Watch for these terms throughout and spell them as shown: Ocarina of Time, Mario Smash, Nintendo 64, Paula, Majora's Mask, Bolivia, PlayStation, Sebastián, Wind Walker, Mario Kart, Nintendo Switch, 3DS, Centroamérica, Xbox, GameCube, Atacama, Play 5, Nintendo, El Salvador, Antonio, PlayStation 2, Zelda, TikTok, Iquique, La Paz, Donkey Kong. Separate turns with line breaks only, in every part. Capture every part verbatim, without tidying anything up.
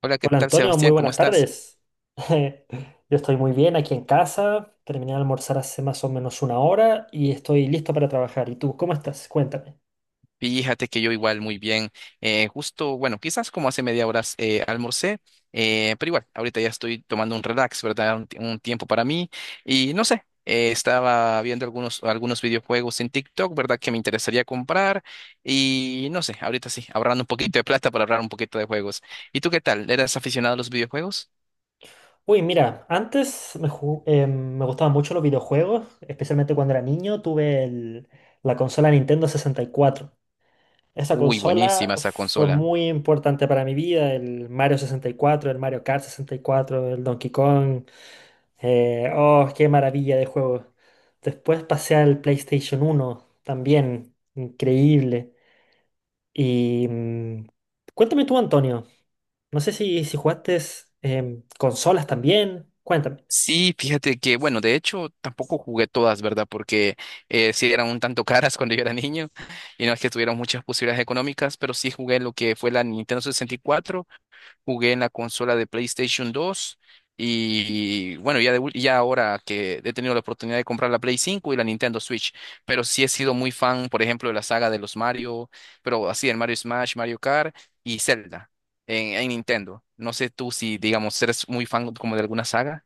Hola, ¿qué
Hola
tal,
Antonio, muy
Sebastián? ¿Cómo
buenas
estás?
tardes. Yo estoy muy bien aquí en casa, terminé de almorzar hace más o menos una hora y estoy listo para trabajar. ¿Y tú cómo estás? Cuéntame.
Fíjate que yo igual muy bien. Eh, justo, bueno, quizás como hace media hora eh, almorcé, eh, pero igual, ahorita ya estoy tomando un relax, ¿verdad? Un, ti- un tiempo para mí. Y no sé, eh, estaba viendo algunos, algunos videojuegos en TikTok, ¿verdad? Que me interesaría comprar. Y no sé, ahorita sí, ahorrando un poquito de plata para ahorrar un poquito de juegos. ¿Y tú qué tal? ¿Eras aficionado a los videojuegos?
Uy, mira, antes me, ju- eh, me gustaban mucho los videojuegos, especialmente cuando era niño, tuve el- la consola Nintendo sesenta y cuatro. Esa
Uy,
consola
buenísima esa
fue
consola.
muy importante para mi vida, el Mario sesenta y cuatro, el Mario Kart sesenta y cuatro, el Donkey Kong. eh, oh, Qué maravilla de juego. Después pasé al PlayStation uno, también increíble. Y mm, Cuéntame tú, Antonio, no sé si, si jugaste em, consolas también. Cuéntame.
Sí, fíjate que, bueno, de hecho tampoco jugué todas, ¿verdad? Porque eh, sí eran un tanto caras cuando yo era niño y no es que tuvieran muchas posibilidades económicas, pero sí jugué lo que fue la Nintendo sesenta y cuatro, jugué en la consola de PlayStation dos y bueno, ya, de ul- ya ahora que he tenido la oportunidad de comprar la Play cinco y la Nintendo Switch, pero sí he sido muy fan, por ejemplo, de la saga de los Mario, pero así el Mario Smash, Mario Kart y Zelda en, en Nintendo. No sé tú si, digamos, eres muy fan como de alguna saga.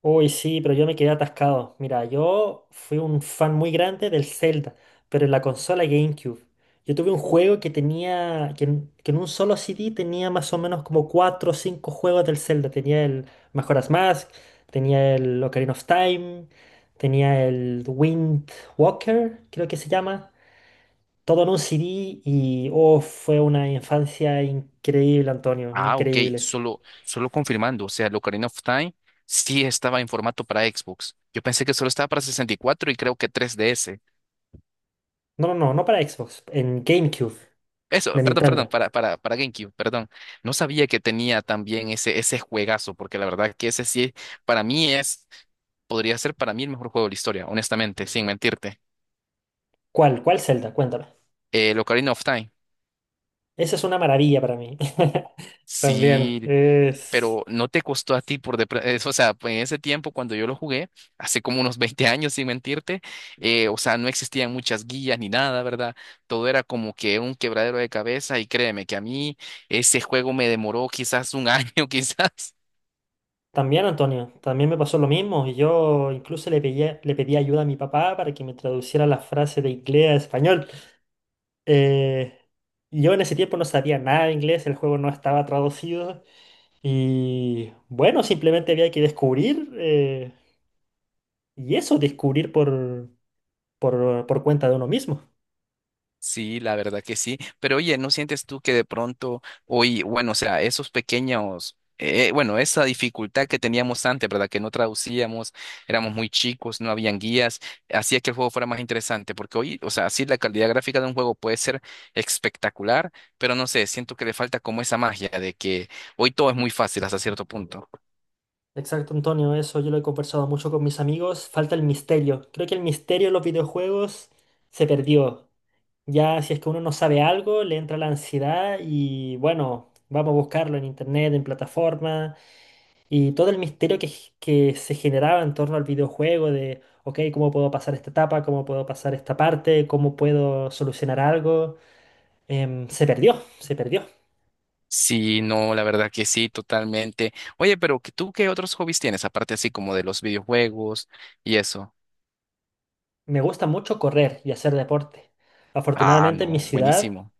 Uy, sí, pero yo me quedé atascado. Mira, yo fui un fan muy grande del Zelda, pero en la consola GameCube. Yo tuve un juego que tenía, que en, que en un solo C D tenía más o menos como cuatro o cinco juegos del Zelda. Tenía el Majora's Mask, tenía el Ocarina of Time, tenía el Wind Walker, creo que se llama. Todo en un C D y oh, fue una infancia increíble, Antonio,
Ah, ok,
increíble.
solo, solo confirmando, o sea, el Ocarina of Time sí estaba en formato para Xbox. Yo pensé que solo estaba para sesenta y cuatro y cuatro y creo que tres D S.
No, no, no, no para Xbox, en GameCube
Eso,
de
perdón, perdón,
Nintendo.
para, para, para GameCube, perdón. No sabía que tenía también ese, ese juegazo, porque la verdad que ese sí, para mí es, podría ser para mí el mejor juego de la historia, honestamente, sin mentirte.
¿Cuál? ¿Cuál Zelda? Cuéntame.
El Ocarina of Time.
Esa es una maravilla para mí. También
Sí,
es...
pero no te costó a ti por de pre- eso, o sea, pues, en ese tiempo cuando yo lo jugué, hace como unos veinte años, sin mentirte, eh, o sea, no existían muchas guías ni nada, ¿verdad? Todo era como que un quebradero de cabeza y créeme que a mí ese juego me demoró quizás un año, quizás.
También, Antonio, también me pasó lo mismo. y Yo incluso le pedí, le pedí ayuda a mi papá para que me traduciera la frase de inglés a español. Eh, yo en ese tiempo no sabía nada de inglés, el juego no estaba traducido. Y bueno, simplemente había que descubrir, eh, y eso, descubrir por, por, por cuenta de uno mismo.
Sí, la verdad que sí. Pero oye, ¿no sientes tú que de pronto hoy, bueno, o sea, esos pequeños, eh, bueno, esa dificultad que teníamos antes, ¿verdad? Que no traducíamos, éramos muy chicos, no habían guías, hacía que el juego fuera más interesante, porque hoy, o sea, sí, la calidad gráfica de un juego puede ser espectacular, pero no sé, siento que le falta como esa magia de que hoy todo es muy fácil hasta cierto punto.
Exacto, Antonio, eso yo lo he conversado mucho con mis amigos. Falta el misterio. Creo que el misterio en los videojuegos se perdió. Ya si es que uno no sabe algo, le entra la ansiedad y bueno, vamos a buscarlo en internet, en plataforma, y todo el misterio que, g- que se generaba en torno al videojuego de, ok, ¿cómo puedo pasar esta etapa? ¿Cómo puedo pasar esta parte? ¿Cómo puedo solucionar algo? Em, se perdió, se perdió.
Sí, no, la verdad que sí, totalmente. Oye, pero ¿tú qué otros hobbies tienes, aparte así como de los videojuegos y eso?
Me gusta mucho correr y hacer deporte.
Ah,
Afortunadamente en mi
no,
ciudad...
buenísimo.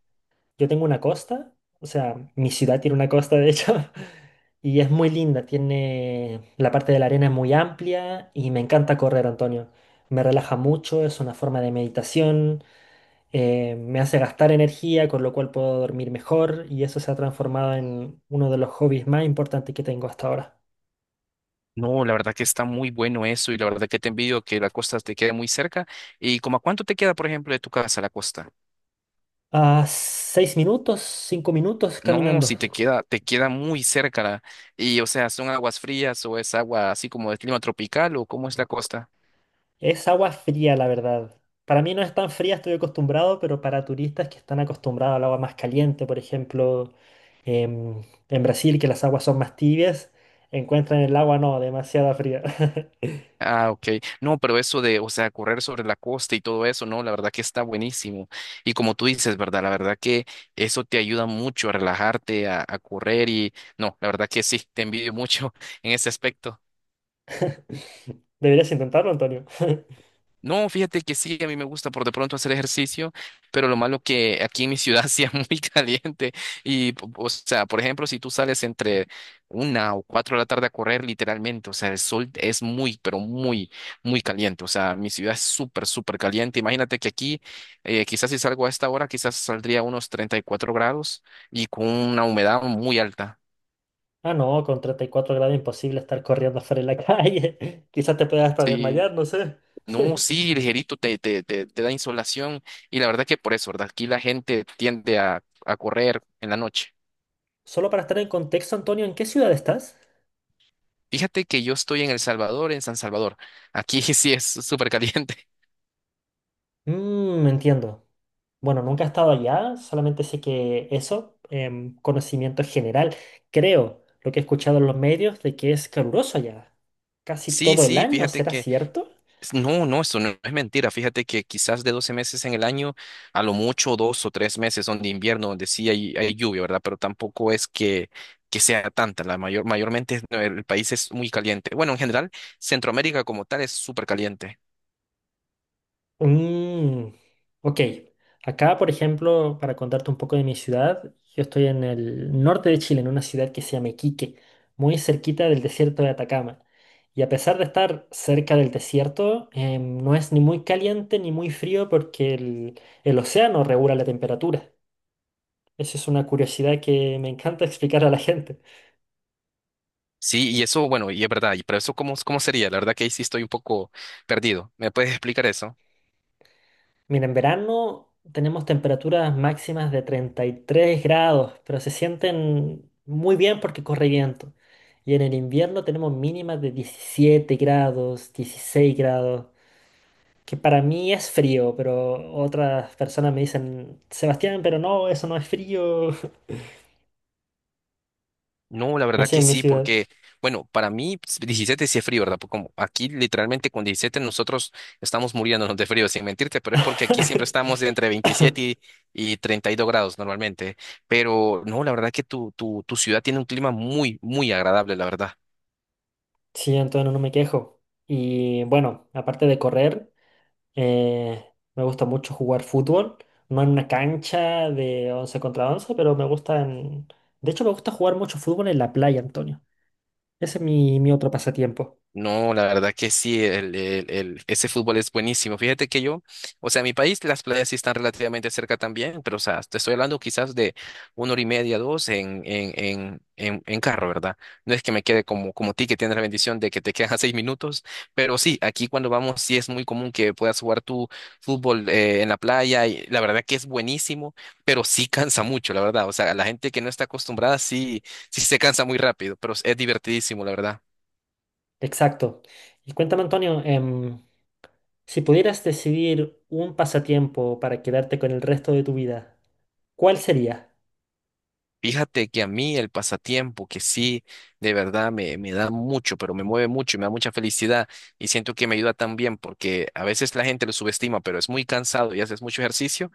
Yo tengo una costa, o sea, mi ciudad tiene una costa de hecho, y es muy linda, tiene la parte de la arena es muy amplia y me encanta correr, Antonio. Me relaja mucho, es una forma de meditación, eh, me hace gastar energía, con lo cual puedo dormir mejor y eso se ha transformado en uno de los hobbies más importantes que tengo hasta ahora.
No, la verdad que está muy bueno eso y la verdad que te envidio que la costa te quede muy cerca. ¿Y como a cuánto te queda, por ejemplo, de tu casa la costa?
A seis minutos, cinco minutos
No,
caminando.
si te queda, te queda muy cerca la- y o sea, ¿son aguas frías o es agua así como de clima tropical o cómo es la costa?
Es agua fría, la verdad. Para mí no es tan fría, estoy acostumbrado, pero para turistas que están acostumbrados al agua más caliente, por ejemplo, em, en Brasil, que las aguas son más tibias, encuentran el agua no, demasiada fría.
Ah, ok. No, pero eso de, o sea, correr sobre la costa y todo eso, no, la verdad que está buenísimo. Y como tú dices, ¿verdad? La verdad que eso te ayuda mucho a relajarte, a, a correr y no, la verdad que sí, te envidio mucho en ese aspecto.
Deberías intentarlo, Antonio.
No, fíjate que sí, a mí me gusta por de pronto hacer ejercicio, pero lo malo que aquí en mi ciudad sí es muy caliente y, po- o sea, por ejemplo, si tú sales entre una o cuatro de la tarde a correr, literalmente, o sea, el sol es muy, pero muy, muy caliente, o sea, mi ciudad es súper, súper caliente. Imagínate que aquí, eh, quizás si salgo a esta hora, quizás saldría a unos treinta y cuatro grados y con una humedad muy alta.
Ah, no, con treinta y cuatro grados imposible estar corriendo afuera en la calle. Quizás te puedas hasta
Sí.
desmayar, no sé.
No, sí, ligerito, te, te, te, te da insolación. Y la verdad que por eso, ¿verdad? Aquí la gente tiende a, a correr en la noche.
Solo para estar en contexto, Antonio, ¿en qué ciudad estás?
Fíjate que yo estoy en El Salvador, en San Salvador. Aquí sí es súper caliente.
Mmm, entiendo. Bueno, nunca he estado allá, solamente sé que eso, em, conocimiento general, creo, lo que he escuchado en los medios de que es caluroso allá, casi
Sí,
todo el
sí,
año,
fíjate
¿será
que...
cierto?
No, no, eso no es mentira. Fíjate que quizás de doce meses en el año, a lo mucho dos o tres meses son de invierno, donde sí hay, hay lluvia, ¿verdad? Pero tampoco es que, que sea tanta. La mayor, mayormente es- el país es muy caliente. Bueno, en general, Centroamérica como tal es súper caliente.
Mm, ok, acá, por ejemplo, para contarte un poco de mi ciudad, yo estoy en el norte de Chile, en una ciudad que se llama Iquique, muy cerquita del desierto de Atacama. Y a pesar de estar cerca del desierto, em, no es ni muy caliente ni muy frío porque el el océano regula la temperatura. Esa es una curiosidad que me encanta explicar a la gente.
Sí, y eso, bueno, y es verdad, y pero eso cómo, cómo sería, la verdad que ahí sí estoy un poco perdido. ¿Me puedes explicar eso?
Mira, en verano tenemos temperaturas máximas de treinta y tres grados, pero se sienten muy bien porque corre viento. Y en el invierno tenemos mínimas de diecisiete grados, dieciséis grados, que para mí es frío, pero otras personas me dicen, Sebastián, pero no, eso no es frío.
No, la verdad
Nací
que
en mi
sí,
ciudad.
porque, bueno, para mí pues, diecisiete sí es frío, ¿verdad? Porque como aquí literalmente con diecisiete nosotros estamos muriéndonos de frío, sin mentirte, pero es porque aquí siempre estamos de entre veintisiete y, y treinta y dos grados normalmente. Pero no, la verdad que tu, tu, tu ciudad tiene un clima muy, muy agradable, la verdad.
Sí, entonces no me quejo. Y bueno, aparte de correr. Eh, Me gusta mucho jugar fútbol, no en una cancha de once contra once, pero me gusta en... De hecho, me gusta jugar mucho fútbol en la playa, Antonio. Ese es mi, mi otro pasatiempo.
No, la verdad que sí, el, el- el- ese fútbol es buenísimo. Fíjate que yo, o sea, en mi país las playas sí están relativamente cerca también, pero o sea, te estoy hablando quizás de una hora y media, dos en, en, en, en, en carro, ¿verdad? No es que me quede como, como ti, que tienes la bendición de que te quedan seis minutos, pero sí, aquí cuando vamos sí es muy común que puedas jugar tu fútbol eh, en la playa y la verdad que es buenísimo, pero sí cansa mucho, la verdad. O sea, la gente que no está acostumbrada sí, sí se cansa muy rápido, pero es divertidísimo, la verdad.
Exacto. Y cuéntame, Antonio, em, si pudieras decidir un pasatiempo para quedarte con el resto de tu vida, ¿cuál sería?
Fíjate que a mí el pasatiempo, que sí, de verdad me, me da mucho, pero me mueve mucho y me da mucha felicidad y siento que me ayuda también porque a veces la gente lo subestima, pero es muy cansado y haces mucho ejercicio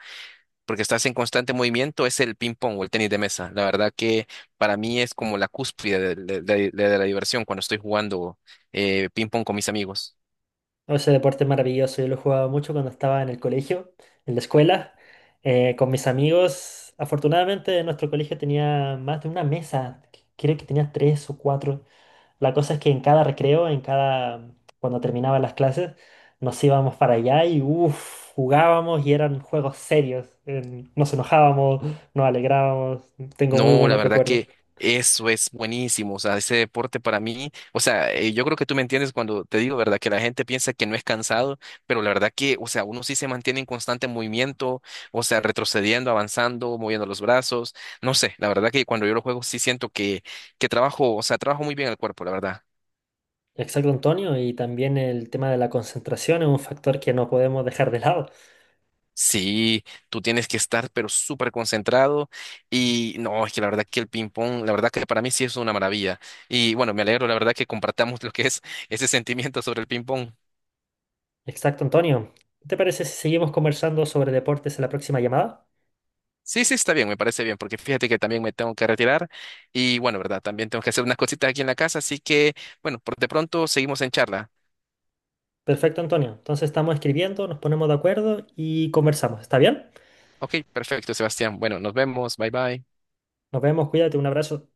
porque estás en constante movimiento, es el ping pong o el tenis de mesa. La verdad que para mí es como la cúspide de, de- de- de la diversión cuando estoy jugando eh, ping pong con mis amigos.
No, ese deporte es maravilloso, yo lo jugaba mucho cuando estaba en el colegio, en la escuela, eh, con mis amigos. Afortunadamente nuestro colegio tenía más de una mesa, que- creo que tenía tres o cuatro. La cosa es que en cada recreo, en cada, cuando terminaban las clases, nos íbamos para allá y uff, jugábamos y eran juegos serios. Eh, nos enojábamos, nos alegrábamos, tengo muy
No, la
buenos
verdad
recuerdos.
que eso es buenísimo. O sea, ese deporte para mí, o sea, eh, yo creo que tú me entiendes cuando te digo, ¿verdad? Que la gente piensa que no es cansado, pero la verdad que, o sea, uno sí se mantiene en constante movimiento, o sea, retrocediendo, avanzando, moviendo los brazos. No sé, la verdad que cuando yo lo juego sí siento que, que trabajo, o sea, trabajo muy bien el cuerpo, la verdad.
Exacto, Antonio, y también el tema de la concentración es un factor que no podemos dejar de lado.
Sí, tú tienes que estar pero súper concentrado y no, es que la verdad que el ping pong, la verdad que para mí sí es una maravilla. Y bueno, me alegro, la verdad que compartamos lo que es ese sentimiento sobre el ping pong.
Exacto, Antonio. ¿Qué ¿Te parece si seguimos conversando sobre deportes en la próxima llamada?
Sí, sí, está bien, me parece bien, porque fíjate que también me tengo que retirar y bueno, verdad, también tengo que hacer unas cositas aquí en la casa, así que bueno, por de pronto seguimos en charla.
Perfecto, Antonio. Entonces estamos escribiendo, nos ponemos de acuerdo y conversamos. ¿Está bien?
Ok, perfecto, Sebastián. Bueno, nos vemos, bye bye.
Nos vemos, cuídate, un abrazo.